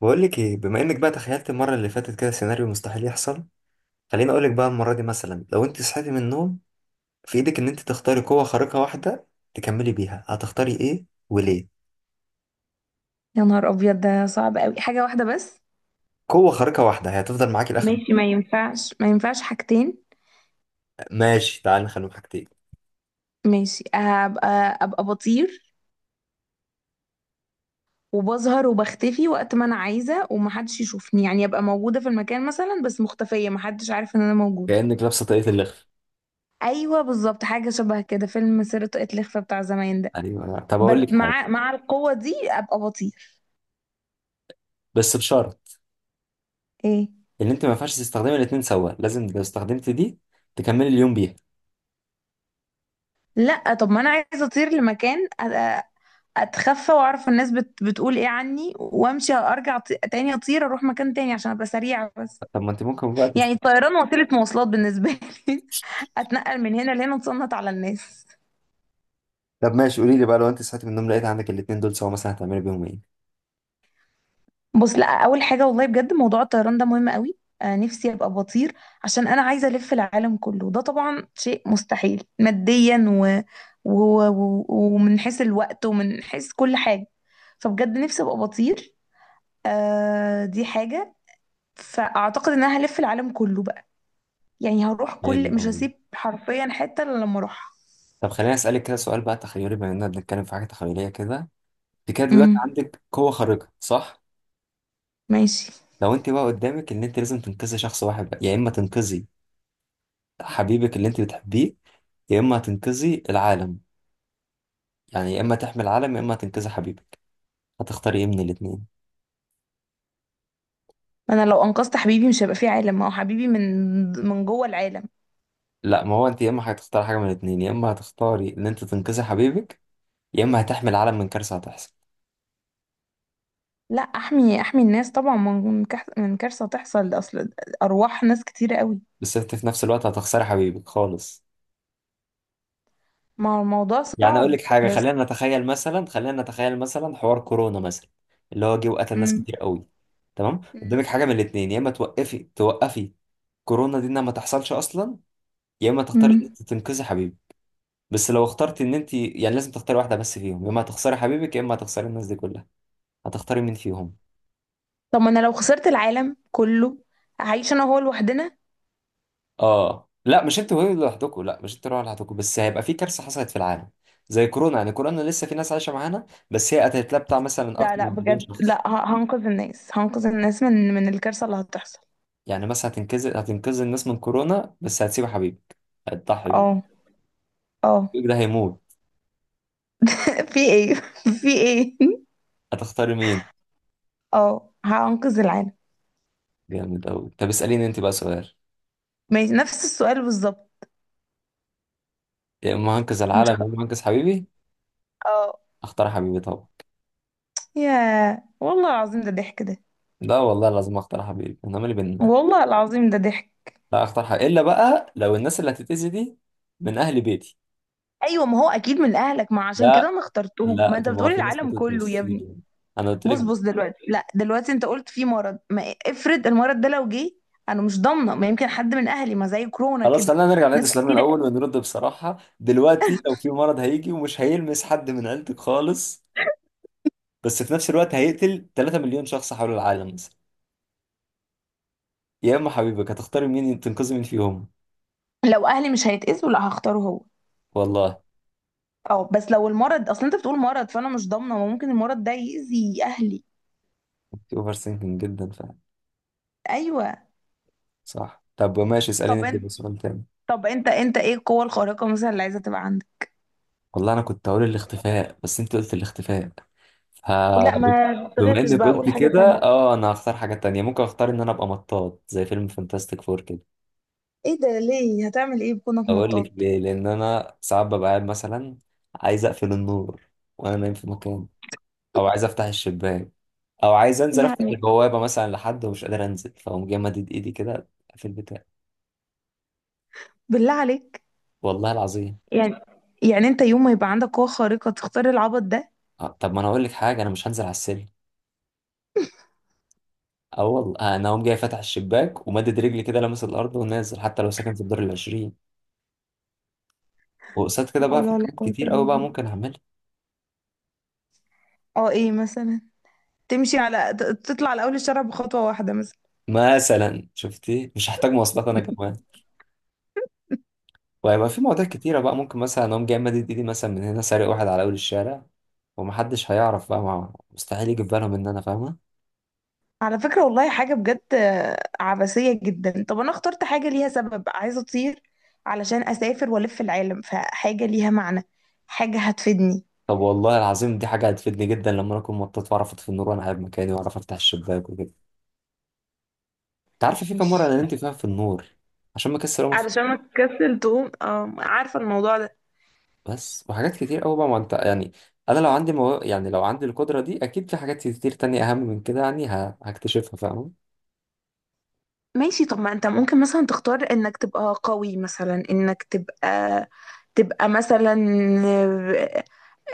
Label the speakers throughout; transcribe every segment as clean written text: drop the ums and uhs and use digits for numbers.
Speaker 1: بقول لك ايه؟ بما انك بقى تخيلت المره اللي فاتت كده سيناريو مستحيل يحصل، خليني اقول لك بقى. المره دي مثلا لو انت صحيتي من النوم في ايدك ان انت تختاري قوه خارقه واحده تكملي بيها، هتختاري ايه وليه؟
Speaker 2: يا نهار ابيض! ده صعب قوي، حاجه واحده بس؟
Speaker 1: قوه خارقه واحده هي هتفضل معاكي لاخر.
Speaker 2: ماشي، ما ينفعش ما ينفعش حاجتين.
Speaker 1: ماشي، تعال نخليهم حاجتين.
Speaker 2: ماشي، هبقى ابقى بطير وبظهر وبختفي وقت ما انا عايزه ومحدش يشوفني، يعني ابقى موجوده في المكان مثلا بس مختفيه، محدش عارف ان انا موجوده.
Speaker 1: كأنك لابسة طاقية اللخف.
Speaker 2: ايوه بالظبط، حاجه شبه كده، فيلم سيرة طاقية الإخفاء بتاع زمان ده.
Speaker 1: ايوه طب
Speaker 2: بس
Speaker 1: اقول لك حاجة،
Speaker 2: مع القوه دي ابقى بطير.
Speaker 1: بس بشرط
Speaker 2: ايه؟
Speaker 1: ان انت ما ينفعش تستخدمي الاتنين سوا. لازم لو استخدمت دي تكملي اليوم بيها.
Speaker 2: لا، طب ما انا عايزه اطير لمكان اتخفى واعرف الناس بتقول ايه عني، وامشي ارجع تاني اطير اروح مكان تاني عشان ابقى سريعه بس.
Speaker 1: طب ما انت ممكن بقى تست...
Speaker 2: يعني الطيران وسيله مواصلات بالنسبه لي. اتنقل من هنا لهنا، اتصنت على الناس.
Speaker 1: طب ماشي، قولي لي بقى، لو انت صحيتي من النوم لقيت عندك الاتنين دول سوا مثلا هتعملي بيهم ايه؟
Speaker 2: بص، لا، اول حاجه والله بجد موضوع الطيران ده مهم قوي. آه، نفسي ابقى بطير عشان انا عايزه الف العالم كله. ده طبعا شيء مستحيل ماديا ومن حيث الوقت ومن حيث كل حاجه، فبجد نفسي ابقى بطير. آه دي حاجه. فاعتقد ان انا هلف العالم كله، يعني هروح
Speaker 1: حلو
Speaker 2: كل مش
Speaker 1: قوي.
Speaker 2: هسيب حرفيا حتة الا لما اروحها.
Speaker 1: طب خليني اسالك كده سؤال بقى. تخيلي، بما اننا بنتكلم في حاجه تخيليه كده، انت كده دلوقتي
Speaker 2: امم.
Speaker 1: عندك قوه خارقه، صح؟
Speaker 2: ماشي.
Speaker 1: لو انت بقى قدامك ان انت لازم تنقذي شخص واحد بقى، يا اما تنقذي حبيبك اللي انت بتحبيه، يا اما تنقذي العالم. يعني يا اما تحمي العالم يا اما تنقذي حبيبك، هتختاري ايه من الاثنين؟
Speaker 2: ما انا لو انقذت حبيبي مش هيبقى فيه عالم، ما هو حبيبي من جوه العالم.
Speaker 1: لا، ما هو انت يا اما هتختاري حاجه من الاثنين، يا اما هتختاري ان انت تنقذي حبيبك، يا اما هتحمي العالم من كارثه هتحصل.
Speaker 2: لا، احمي الناس طبعا من كارثة تحصل، اصل ارواح ناس كتيرة قوي.
Speaker 1: بس انت في نفس الوقت هتخسري حبيبك خالص.
Speaker 2: ما هو الموضوع
Speaker 1: يعني اقول
Speaker 2: صعب
Speaker 1: لك حاجه،
Speaker 2: بس.
Speaker 1: خلينا نتخيل مثلا، خلينا نتخيل مثلا حوار كورونا مثلا اللي هو جه وقتل ناس
Speaker 2: امم.
Speaker 1: كتير قوي. تمام، قدامك
Speaker 2: امم.
Speaker 1: حاجه من الاثنين يا اما توقفي توقفي كورونا دي انها ما تحصلش اصلا، يا اما تختاري ان
Speaker 2: امم.
Speaker 1: انت تنقذي حبيبي. بس لو اخترتي ان انت، يعني لازم تختاري واحده بس فيهم، يا اما هتخسري حبيبك يا اما هتخسري الناس دي كلها، هتختاري مين فيهم؟
Speaker 2: طب ما انا لو خسرت العالم كله هعيش انا وهو لوحدنا.
Speaker 1: اه لا، مش انت وهي لوحدكم، لا مش انت لوحدكم، بس هيبقى في كارثه حصلت في العالم زي كورونا. يعني كورونا لسه في ناس عايشه معانا، بس هي قتلت لها بتاع مثلا
Speaker 2: لا
Speaker 1: اكتر
Speaker 2: لا،
Speaker 1: من مليون
Speaker 2: بجد
Speaker 1: شخص.
Speaker 2: لا، هنقذ الناس، هنقذ الناس من الكارثة اللي هتحصل.
Speaker 1: يعني مثلا هتنقذ الناس من كورونا بس هتسيب حبيبك، هتضحي بيه.
Speaker 2: اه. اه.
Speaker 1: حبيبك ده هيموت.
Speaker 2: في ايه؟ في ايه؟
Speaker 1: هتختاري مين؟
Speaker 2: اه، هأنقذ العالم.
Speaker 1: جامد أوي. طب اسأليني انت بقى سؤال.
Speaker 2: ماشي، نفس السؤال بالظبط.
Speaker 1: يا اما هنقذ
Speaker 2: مش ه...
Speaker 1: العالم يا اما هنقذ حبيبي.
Speaker 2: اه.
Speaker 1: اختار حبيبي طبعا.
Speaker 2: يا والله العظيم ده ضحك ده.
Speaker 1: لا والله لازم اختار حبيبي، انا مالي بينا.
Speaker 2: والله العظيم ده ضحك.
Speaker 1: لا اختار حبيبي، الا بقى لو الناس اللي هتتأذي دي من اهل بيتي.
Speaker 2: ايوه ما هو اكيد من اهلك، ما عشان كده
Speaker 1: لا.
Speaker 2: انا اخترتهم، ما
Speaker 1: لا، طب
Speaker 2: انت
Speaker 1: ما هو
Speaker 2: بتقولي
Speaker 1: في ناس
Speaker 2: العالم
Speaker 1: ماتت
Speaker 2: كله يا ابني.
Speaker 1: نصين، انا قلت لك
Speaker 2: بص
Speaker 1: ده.
Speaker 2: بص دلوقتي، لا، دلوقتي انت قلت في مرض، ما افرض المرض ده لو جه، انا مش ضامنه، ما يمكن حد من اهلي، ما زي كورونا
Speaker 1: خلاص
Speaker 2: كده.
Speaker 1: خلينا نرجع نعيد
Speaker 2: ناس
Speaker 1: سؤالنا
Speaker 2: كتير.
Speaker 1: الاول ونرد بصراحة. دلوقتي لو في مرض هيجي ومش هيلمس حد من عيلتك خالص، بس في نفس الوقت هيقتل 3 مليون شخص حول العالم مثلا، يا اما حبيبك، هتختاري مين تنقذي مين فيهم؟
Speaker 2: لو اهلي مش هيتأذوا لا، هختاره هو.
Speaker 1: والله
Speaker 2: اه، بس لو المرض اصلا انت بتقول مرض، فانا مش ضامنه، ما ممكن المرض ده يأذي اهلي.
Speaker 1: انت اوفر ثينكينج جدا فعلا.
Speaker 2: ايوه.
Speaker 1: صح. طب ماشي، اساليني
Speaker 2: طب
Speaker 1: انت بقى
Speaker 2: انت.
Speaker 1: سؤال تاني.
Speaker 2: طب انت ايه القوة الخارقة مثلا اللي عايزة تبقى عندك؟
Speaker 1: والله انا كنت هقول الاختفاء بس انت قلت الاختفاء، ف
Speaker 2: لا ما
Speaker 1: بما
Speaker 2: تغشش
Speaker 1: انك
Speaker 2: بقى،
Speaker 1: قلت
Speaker 2: اقول حاجة
Speaker 1: كده،
Speaker 2: تانية.
Speaker 1: اه انا هختار حاجة تانية. ممكن اختار ان انا ابقى مطاط زي فيلم فانتاستيك فور كده.
Speaker 2: ايه ده؟ ليه؟ هتعمل ايه بكونك
Speaker 1: اقول لك
Speaker 2: مطاط؟
Speaker 1: ليه، لان انا ساعات ببقى قاعد مثلا عايز اقفل النور وانا نايم في مكان، او عايز افتح الشباك، او عايز انزل افتح
Speaker 2: يعني
Speaker 1: البوابه مثلا لحد ومش قادر انزل، فاقوم جاي مدد ايدي كده في البتاع.
Speaker 2: بالله عليك.
Speaker 1: والله العظيم.
Speaker 2: يعني يعني انت يوم ما يبقى عندك قوة خارقة تختار العبط ده؟
Speaker 1: طب ما انا اقول لك حاجه، انا مش هنزل على السلم. اه والله، انا اقوم جاي فاتح الشباك ومدد رجلي كده لامس الارض ونازل حتى لو ساكن في الدور العشرين. وقصاد كده
Speaker 2: لا
Speaker 1: بقى
Speaker 2: حول
Speaker 1: في
Speaker 2: ولا
Speaker 1: حاجات
Speaker 2: قوة الا
Speaker 1: كتير قوي بقى
Speaker 2: بالله.
Speaker 1: ممكن اعملها.
Speaker 2: اه، ايه مثلا؟ تمشي تطلع على اول الشارع بخطوة واحدة مثلا؟
Speaker 1: مثلا شفتي، مش هحتاج مواصلات انا كمان. وهيبقى في مواضيع كتيره بقى، ممكن مثلا اقوم جاي مدد ايدي مثلا من هنا، سارق واحد على اول الشارع، ومحدش هيعرف بقى. مع مستحيل يجي في بالهم ان انا فاهمه.
Speaker 2: على فكرة والله حاجة بجد عبثية جدا. طب انا اخترت حاجة ليها سبب، عايزة اطير علشان اسافر والف العالم، فحاجة ليها معنى، حاجة هتفيدني.
Speaker 1: طب والله العظيم دي حاجة هتفيدني جدا لما أنا أكون مطاط، وأعرف أطفي النور وأنا قاعد مكاني، وأعرف أفتح الشباك وكده. أنت عارف في كام مرة أنا
Speaker 2: ماشي.
Speaker 1: نمت فيها في النور عشان مكسر أقوم أطفي؟
Speaker 2: علشان ما تكسل تقوم، اه، عارفة الموضوع ده.
Speaker 1: بس، وحاجات كتير أوي بقى، ما أنت يعني، أنا لو يعني لو عندي القدرة دي أكيد في حاجات كتير تانية أهم من كده يعني هكتشفها، فاهم؟
Speaker 2: ماشي. طب ما انت ممكن مثلا تختار انك تبقى قوي، مثلا انك تبقى مثلا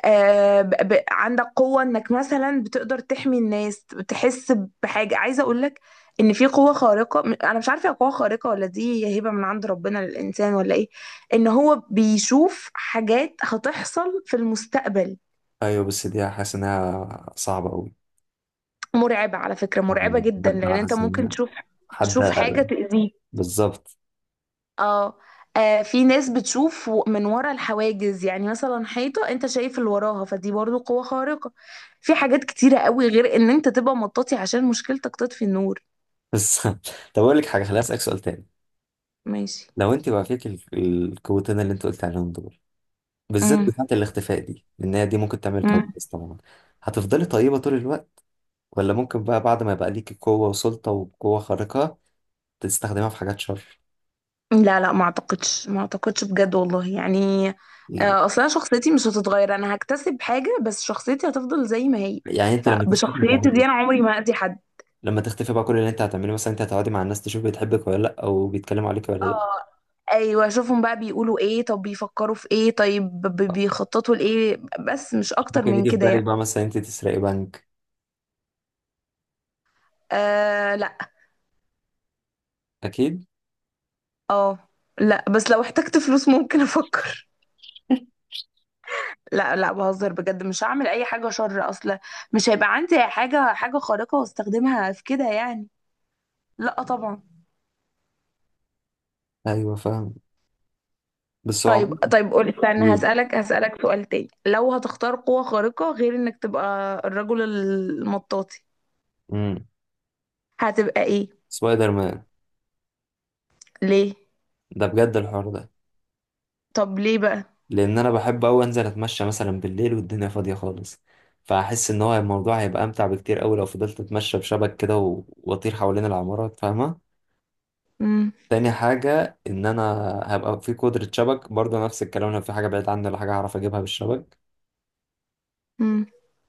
Speaker 2: عندك قوة، انك مثلا بتقدر تحمي الناس، تحس بحاجة. عايزة اقولك ان في قوة خارقة، انا مش عارفة هي قوة خارقة ولا دي هي هبة من عند ربنا للانسان ولا ايه، ان هو بيشوف حاجات هتحصل في المستقبل.
Speaker 1: أيوه، بس دي حاسس إنها صعبة أوي.
Speaker 2: مرعبة على فكرة، مرعبة جدا،
Speaker 1: بجد أنا
Speaker 2: لأن أنت
Speaker 1: حاسس
Speaker 2: ممكن
Speaker 1: إنها،
Speaker 2: تشوف،
Speaker 1: حد.
Speaker 2: تشوف حاجة تأذيه.
Speaker 1: بالظبط.
Speaker 2: اه. في ناس بتشوف من ورا الحواجز، يعني مثلا حيطة أنت شايف اللي وراها، فدي برضو قوة خارقة. في حاجات كتيرة قوي غير إن أنت تبقى مطاطي عشان مشكلتك تطفي النور.
Speaker 1: بس طب أقول لك حاجة، خليني أسألك سؤال تاني.
Speaker 2: ماشي.
Speaker 1: لو أنت بقى فيك القوتين اللي أنت قلت عليهم دول، بالذات
Speaker 2: امم.
Speaker 1: بتاعة الاختفاء دي، لأن هي دي ممكن تعمل
Speaker 2: امم.
Speaker 1: كوارث طبعا، هتفضلي طيبة طول الوقت ولا ممكن بقى بعد ما يبقى ليكي قوة وسلطة وقوة خارقة تستخدمها في حاجات شر؟
Speaker 2: لا لا، ما أعتقدش ما أعتقدش بجد والله، يعني أصلا شخصيتي مش هتتغير، أنا هكتسب حاجة بس شخصيتي هتفضل زي ما هي،
Speaker 1: يعني انت لما تختفي هتعملي
Speaker 2: فبشخصيتي دي أنا
Speaker 1: ايه؟
Speaker 2: عمري ما هأذي حد.
Speaker 1: لما تختفي بقى كل اللي انت هتعمله مثلا انت هتقعدي مع الناس تشوف بتحبك ولا لا، او بيتكلموا عليك ولا لا.
Speaker 2: اه. ايوه، اشوفهم بقى بيقولوا ايه، طب بيفكروا في ايه، طيب بيخططوا لايه، بس مش اكتر
Speaker 1: ممكن
Speaker 2: من
Speaker 1: يجي في
Speaker 2: كده
Speaker 1: بالك
Speaker 2: يعني.
Speaker 1: بقى مثلا انت تسرقي بنك؟
Speaker 2: آه لا.
Speaker 1: اكيد.
Speaker 2: اه. لا بس لو احتجت فلوس ممكن افكر. لا لا، بهزر بجد، مش هعمل اي حاجه شر اصلا. مش هيبقى عندي حاجه خارقه واستخدمها في كده يعني. لا طبعا.
Speaker 1: ايوه فاهم. بس هو
Speaker 2: طيب
Speaker 1: عموما
Speaker 2: طيب قول، استنى
Speaker 1: بيقول،
Speaker 2: هسألك سؤال تاني، لو هتختار قوة خارقة غير انك تبقى الرجل المطاطي
Speaker 1: امم،
Speaker 2: هتبقى ايه؟
Speaker 1: سبايدر مان.
Speaker 2: ليه؟
Speaker 1: ده بجد الحوار ده.
Speaker 2: طب ليه بقى؟
Speaker 1: لان انا بحب اوي انزل اتمشى مثلا بالليل والدنيا فاضيه خالص، فاحس ان هو الموضوع هيبقى امتع بكتير اوي لو فضلت اتمشى بشبك كده واطير حوالين العمارات، فاهمه؟
Speaker 2: امم.
Speaker 1: تاني حاجه ان انا هبقى في قدره شبك برضه، نفس الكلام، لو في حاجه بعيد عني ولا حاجه هعرف اجيبها بالشبك.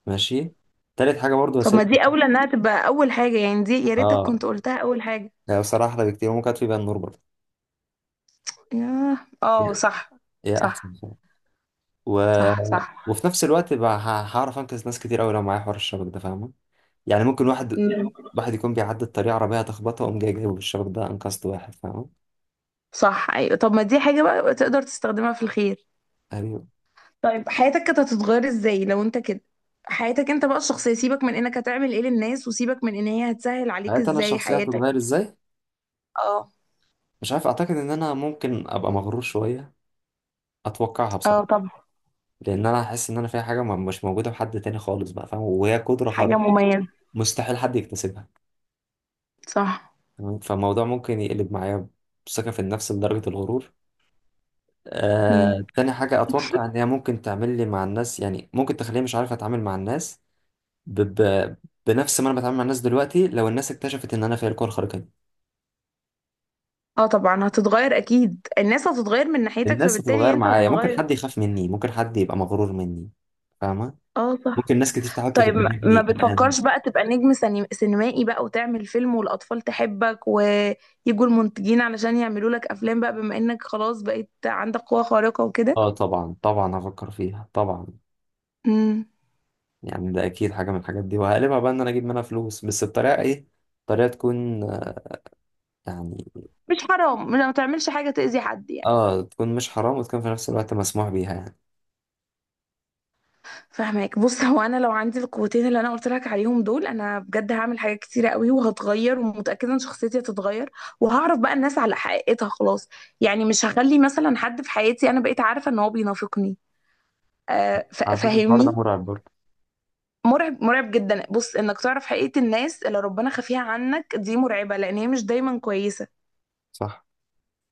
Speaker 1: ماشي. تالت حاجه برضه
Speaker 2: طب
Speaker 1: هسيب.
Speaker 2: ما دي اولى انها تبقى اول حاجة، يعني دي يا ريتك
Speaker 1: اه
Speaker 2: كنت قلتها اول حاجة.
Speaker 1: لا، بصراحه احلى بكتير، ممكن اطفي بيها النور برضه.
Speaker 2: ياه، اه
Speaker 1: هي
Speaker 2: صح.
Speaker 1: هي احسن
Speaker 2: صح.
Speaker 1: بصراحة. و...
Speaker 2: صح. صح.
Speaker 1: وفي نفس الوقت بقى هعرف انقذ ناس كتير اوي لو معايا حوار الشبك ده، فاهمه؟ يعني ممكن واحد
Speaker 2: مم.
Speaker 1: واحد يكون بيعدي الطريق، عربية تخبطه، وأقوم جاي جايبه بالشبك ده، أنقذت واحد، فاهم؟
Speaker 2: صح. ايوه، طب ما دي حاجة بقى تقدر تستخدمها في الخير.
Speaker 1: أيوه.
Speaker 2: طيب حياتك كانت هتتغير ازاي لو انت كده؟ حياتك انت بقى الشخصية، سيبك من انك هتعمل ايه للناس، وسيبك من ان هي هتسهل عليك
Speaker 1: حياتي أنا
Speaker 2: ازاي
Speaker 1: الشخصية
Speaker 2: حياتك.
Speaker 1: هتتغير إزاي؟
Speaker 2: اه.
Speaker 1: مش عارف، أعتقد إن أنا ممكن أبقى مغرور شوية، أتوقعها بصراحة،
Speaker 2: اه طبعا.
Speaker 1: لأن أنا هحس إن أنا فيها حاجة مش موجودة في حد تاني خالص بقى، فاهم؟ وهي قدرة
Speaker 2: حاجة
Speaker 1: خارقة
Speaker 2: مميزة.
Speaker 1: مستحيل حد يكتسبها.
Speaker 2: صح.
Speaker 1: تمام؟ فالموضوع ممكن يقلب معايا ثقة في النفس لدرجة الغرور.
Speaker 2: مم.
Speaker 1: تاني حاجة أتوقع إن هي ممكن تعمل لي مع الناس، يعني ممكن تخليني مش عارف أتعامل مع الناس ب... ب... بنفس ما انا بتعامل مع الناس دلوقتي، لو الناس اكتشفت ان انا فيا القوة الخارقة دي.
Speaker 2: اه طبعا هتتغير، اكيد الناس هتتغير من ناحيتك،
Speaker 1: الناس
Speaker 2: فبالتالي
Speaker 1: هتتغير
Speaker 2: انت
Speaker 1: معايا، ممكن
Speaker 2: هتتغير.
Speaker 1: حد يخاف مني، ممكن حد يبقى مغرور مني، فاهمة؟
Speaker 2: اه صح.
Speaker 1: ممكن ناس كتير تحاول
Speaker 2: طيب ما
Speaker 1: تتجنبني الان.
Speaker 2: بتفكرش بقى تبقى نجم سينمائي بقى، وتعمل فيلم والأطفال تحبك ويجوا المنتجين علشان يعملوا لك أفلام بقى بما إنك خلاص بقيت عندك قوة خارقة وكده؟
Speaker 1: اه طبعا طبعا هفكر فيها طبعا.
Speaker 2: امم.
Speaker 1: يعني ده اكيد حاجة من الحاجات دي، وهقلبها بقى ان انا اجيب منها فلوس، بس بطريقة ايه؟ طريقة تكون، يعني،
Speaker 2: مش حرام، لا ما تعملش حاجة تأذي حد يعني.
Speaker 1: اه تكون مش حرام وتكون في نفس الوقت مسموح بيها يعني.
Speaker 2: فاهمك. بص هو أنا لو عندي القوتين اللي أنا قلت لك عليهم دول، أنا بجد هعمل حاجات كتيرة قوي وهتغير، ومتأكدة إن شخصيتي هتتغير، وهعرف بقى الناس على حقيقتها خلاص. يعني مش هخلي مثلا حد في حياتي أنا بقيت عارفة إن هو بينافقني،
Speaker 1: على فكرة الحوار ده
Speaker 2: فاهمني.
Speaker 1: مرعب برضه.
Speaker 2: مرعب، مرعب جدا. بص انك تعرف حقيقة الناس اللي ربنا خفيها عنك، دي مرعبة لان هي مش دايما كويسة،
Speaker 1: صح.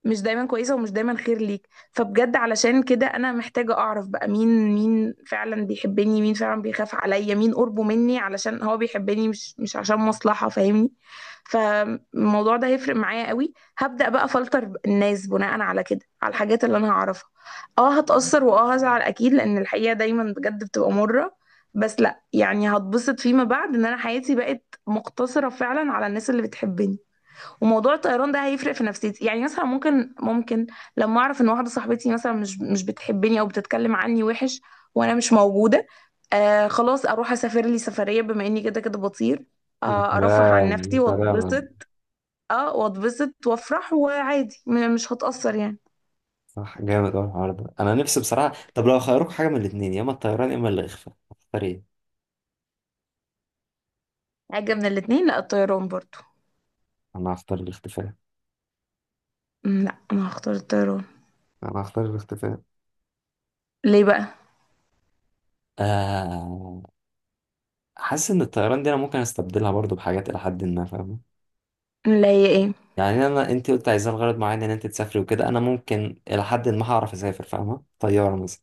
Speaker 2: مش دايما كويسة ومش دايما خير ليك، فبجد علشان كده أنا محتاجة أعرف بقى مين مين فعلا بيحبني، مين فعلا بيخاف عليا، مين قربه مني علشان هو بيحبني، مش عشان مصلحة، فاهمني. فالموضوع ده هيفرق معايا قوي، هبدأ بقى فلتر الناس بناء على كده، على الحاجات اللي أنا هعرفها. اه هتأثر واه هزعل أكيد، لأن الحقيقة دايما بجد بتبقى مرة، بس لأ، يعني هتبسط فيما بعد إن أنا حياتي بقت مقتصرة فعلا على الناس اللي بتحبني. وموضوع الطيران ده هيفرق في نفسيتي، يعني مثلا ممكن لما اعرف ان واحده صاحبتي مثلا مش بتحبني او بتتكلم عني وحش وانا مش موجوده، آه خلاص اروح اسافر لي سفريه بما اني كده كده بطير،
Speaker 1: يا
Speaker 2: آه ارفه عن
Speaker 1: سلام يا
Speaker 2: نفسي
Speaker 1: سلام.
Speaker 2: واتبسط. اه واتبسط وافرح وعادي، مش هتاثر يعني.
Speaker 1: صح، جامد أوي الحوار ده أنا نفسي بصراحة. طب لو خيروك حاجة من الاتنين، يا إما الطيران يا إما الاختفاء، هتختار إيه؟
Speaker 2: حاجه من الاتنين؟ لا الطيران برضو.
Speaker 1: أنا هختار الاختفاء
Speaker 2: لا انا هختار الطيران.
Speaker 1: أنا هختار الاختفاء.
Speaker 2: ليه بقى؟
Speaker 1: آه، حاسس إن الطيران دي أنا ممكن أستبدلها برضو بحاجات إلى حد ما، فاهمة؟
Speaker 2: اللي هي ايه؟
Speaker 1: يعني أنا، أنت قلت عايزة لغرض معين إن أنت تسافري وكده، أنا ممكن إلى حد ما هعرف أسافر، فاهمة؟ طيارة مثلا.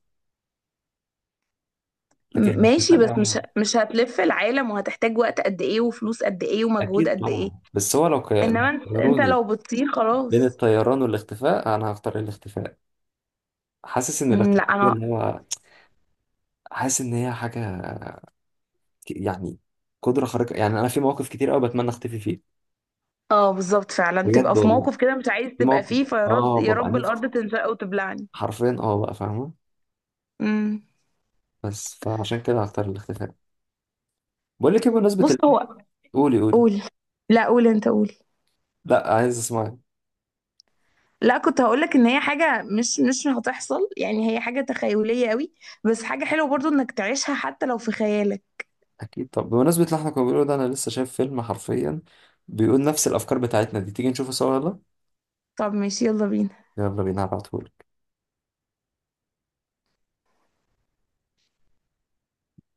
Speaker 1: لكن الاختفاء
Speaker 2: ماشي، بس
Speaker 1: ده،
Speaker 2: مش هتلف العالم، وهتحتاج وقت قد ايه وفلوس قد ايه ومجهود
Speaker 1: أكيد
Speaker 2: قد ايه.
Speaker 1: طبعا، بس هو لو
Speaker 2: انما
Speaker 1: لو
Speaker 2: انت
Speaker 1: خيروني
Speaker 2: لو بتطير
Speaker 1: بين
Speaker 2: خلاص.
Speaker 1: الطيران والاختفاء أنا هختار الاختفاء. حاسس إن الاختفاء
Speaker 2: لا انا.
Speaker 1: اللي هو، حاسس إن هي حاجة، يعني قدرة خارقة، يعني أنا في مواقف كتير أوي بتمنى أختفي فيه.
Speaker 2: اه بالظبط، فعلا
Speaker 1: بجد
Speaker 2: تبقى في
Speaker 1: والله،
Speaker 2: موقف كده مش عايز
Speaker 1: في
Speaker 2: تبقى
Speaker 1: مواقف
Speaker 2: فيه، فيرد
Speaker 1: آه
Speaker 2: يا
Speaker 1: ببقى
Speaker 2: رب
Speaker 1: نفسي،
Speaker 2: الارض تنشق وتبلعني.
Speaker 1: حرفيا آه بقى، فاهمة؟
Speaker 2: امم.
Speaker 1: بس، فعشان كده هختار الاختفاء. بقول لك إيه بمناسبة
Speaker 2: بص هو.
Speaker 1: قولي قولي.
Speaker 2: قول. لا قول انت، قول.
Speaker 1: لا عايز أسمعك.
Speaker 2: لا كنت هقولك ان هي حاجة مش هتحصل، يعني هي حاجة تخيلية قوي، بس حاجة حلوة برضو انك تعيشها حتى لو في خيالك.
Speaker 1: أكيد. طب بمناسبة اللي إحنا كنا بنقوله ده، أنا لسه شايف فيلم حرفيا بيقول نفس الأفكار بتاعتنا دي، تيجي نشوفه سوا يلا.
Speaker 2: طب ماشي، يلا بينا.
Speaker 1: يلا بينا هبعتهولك.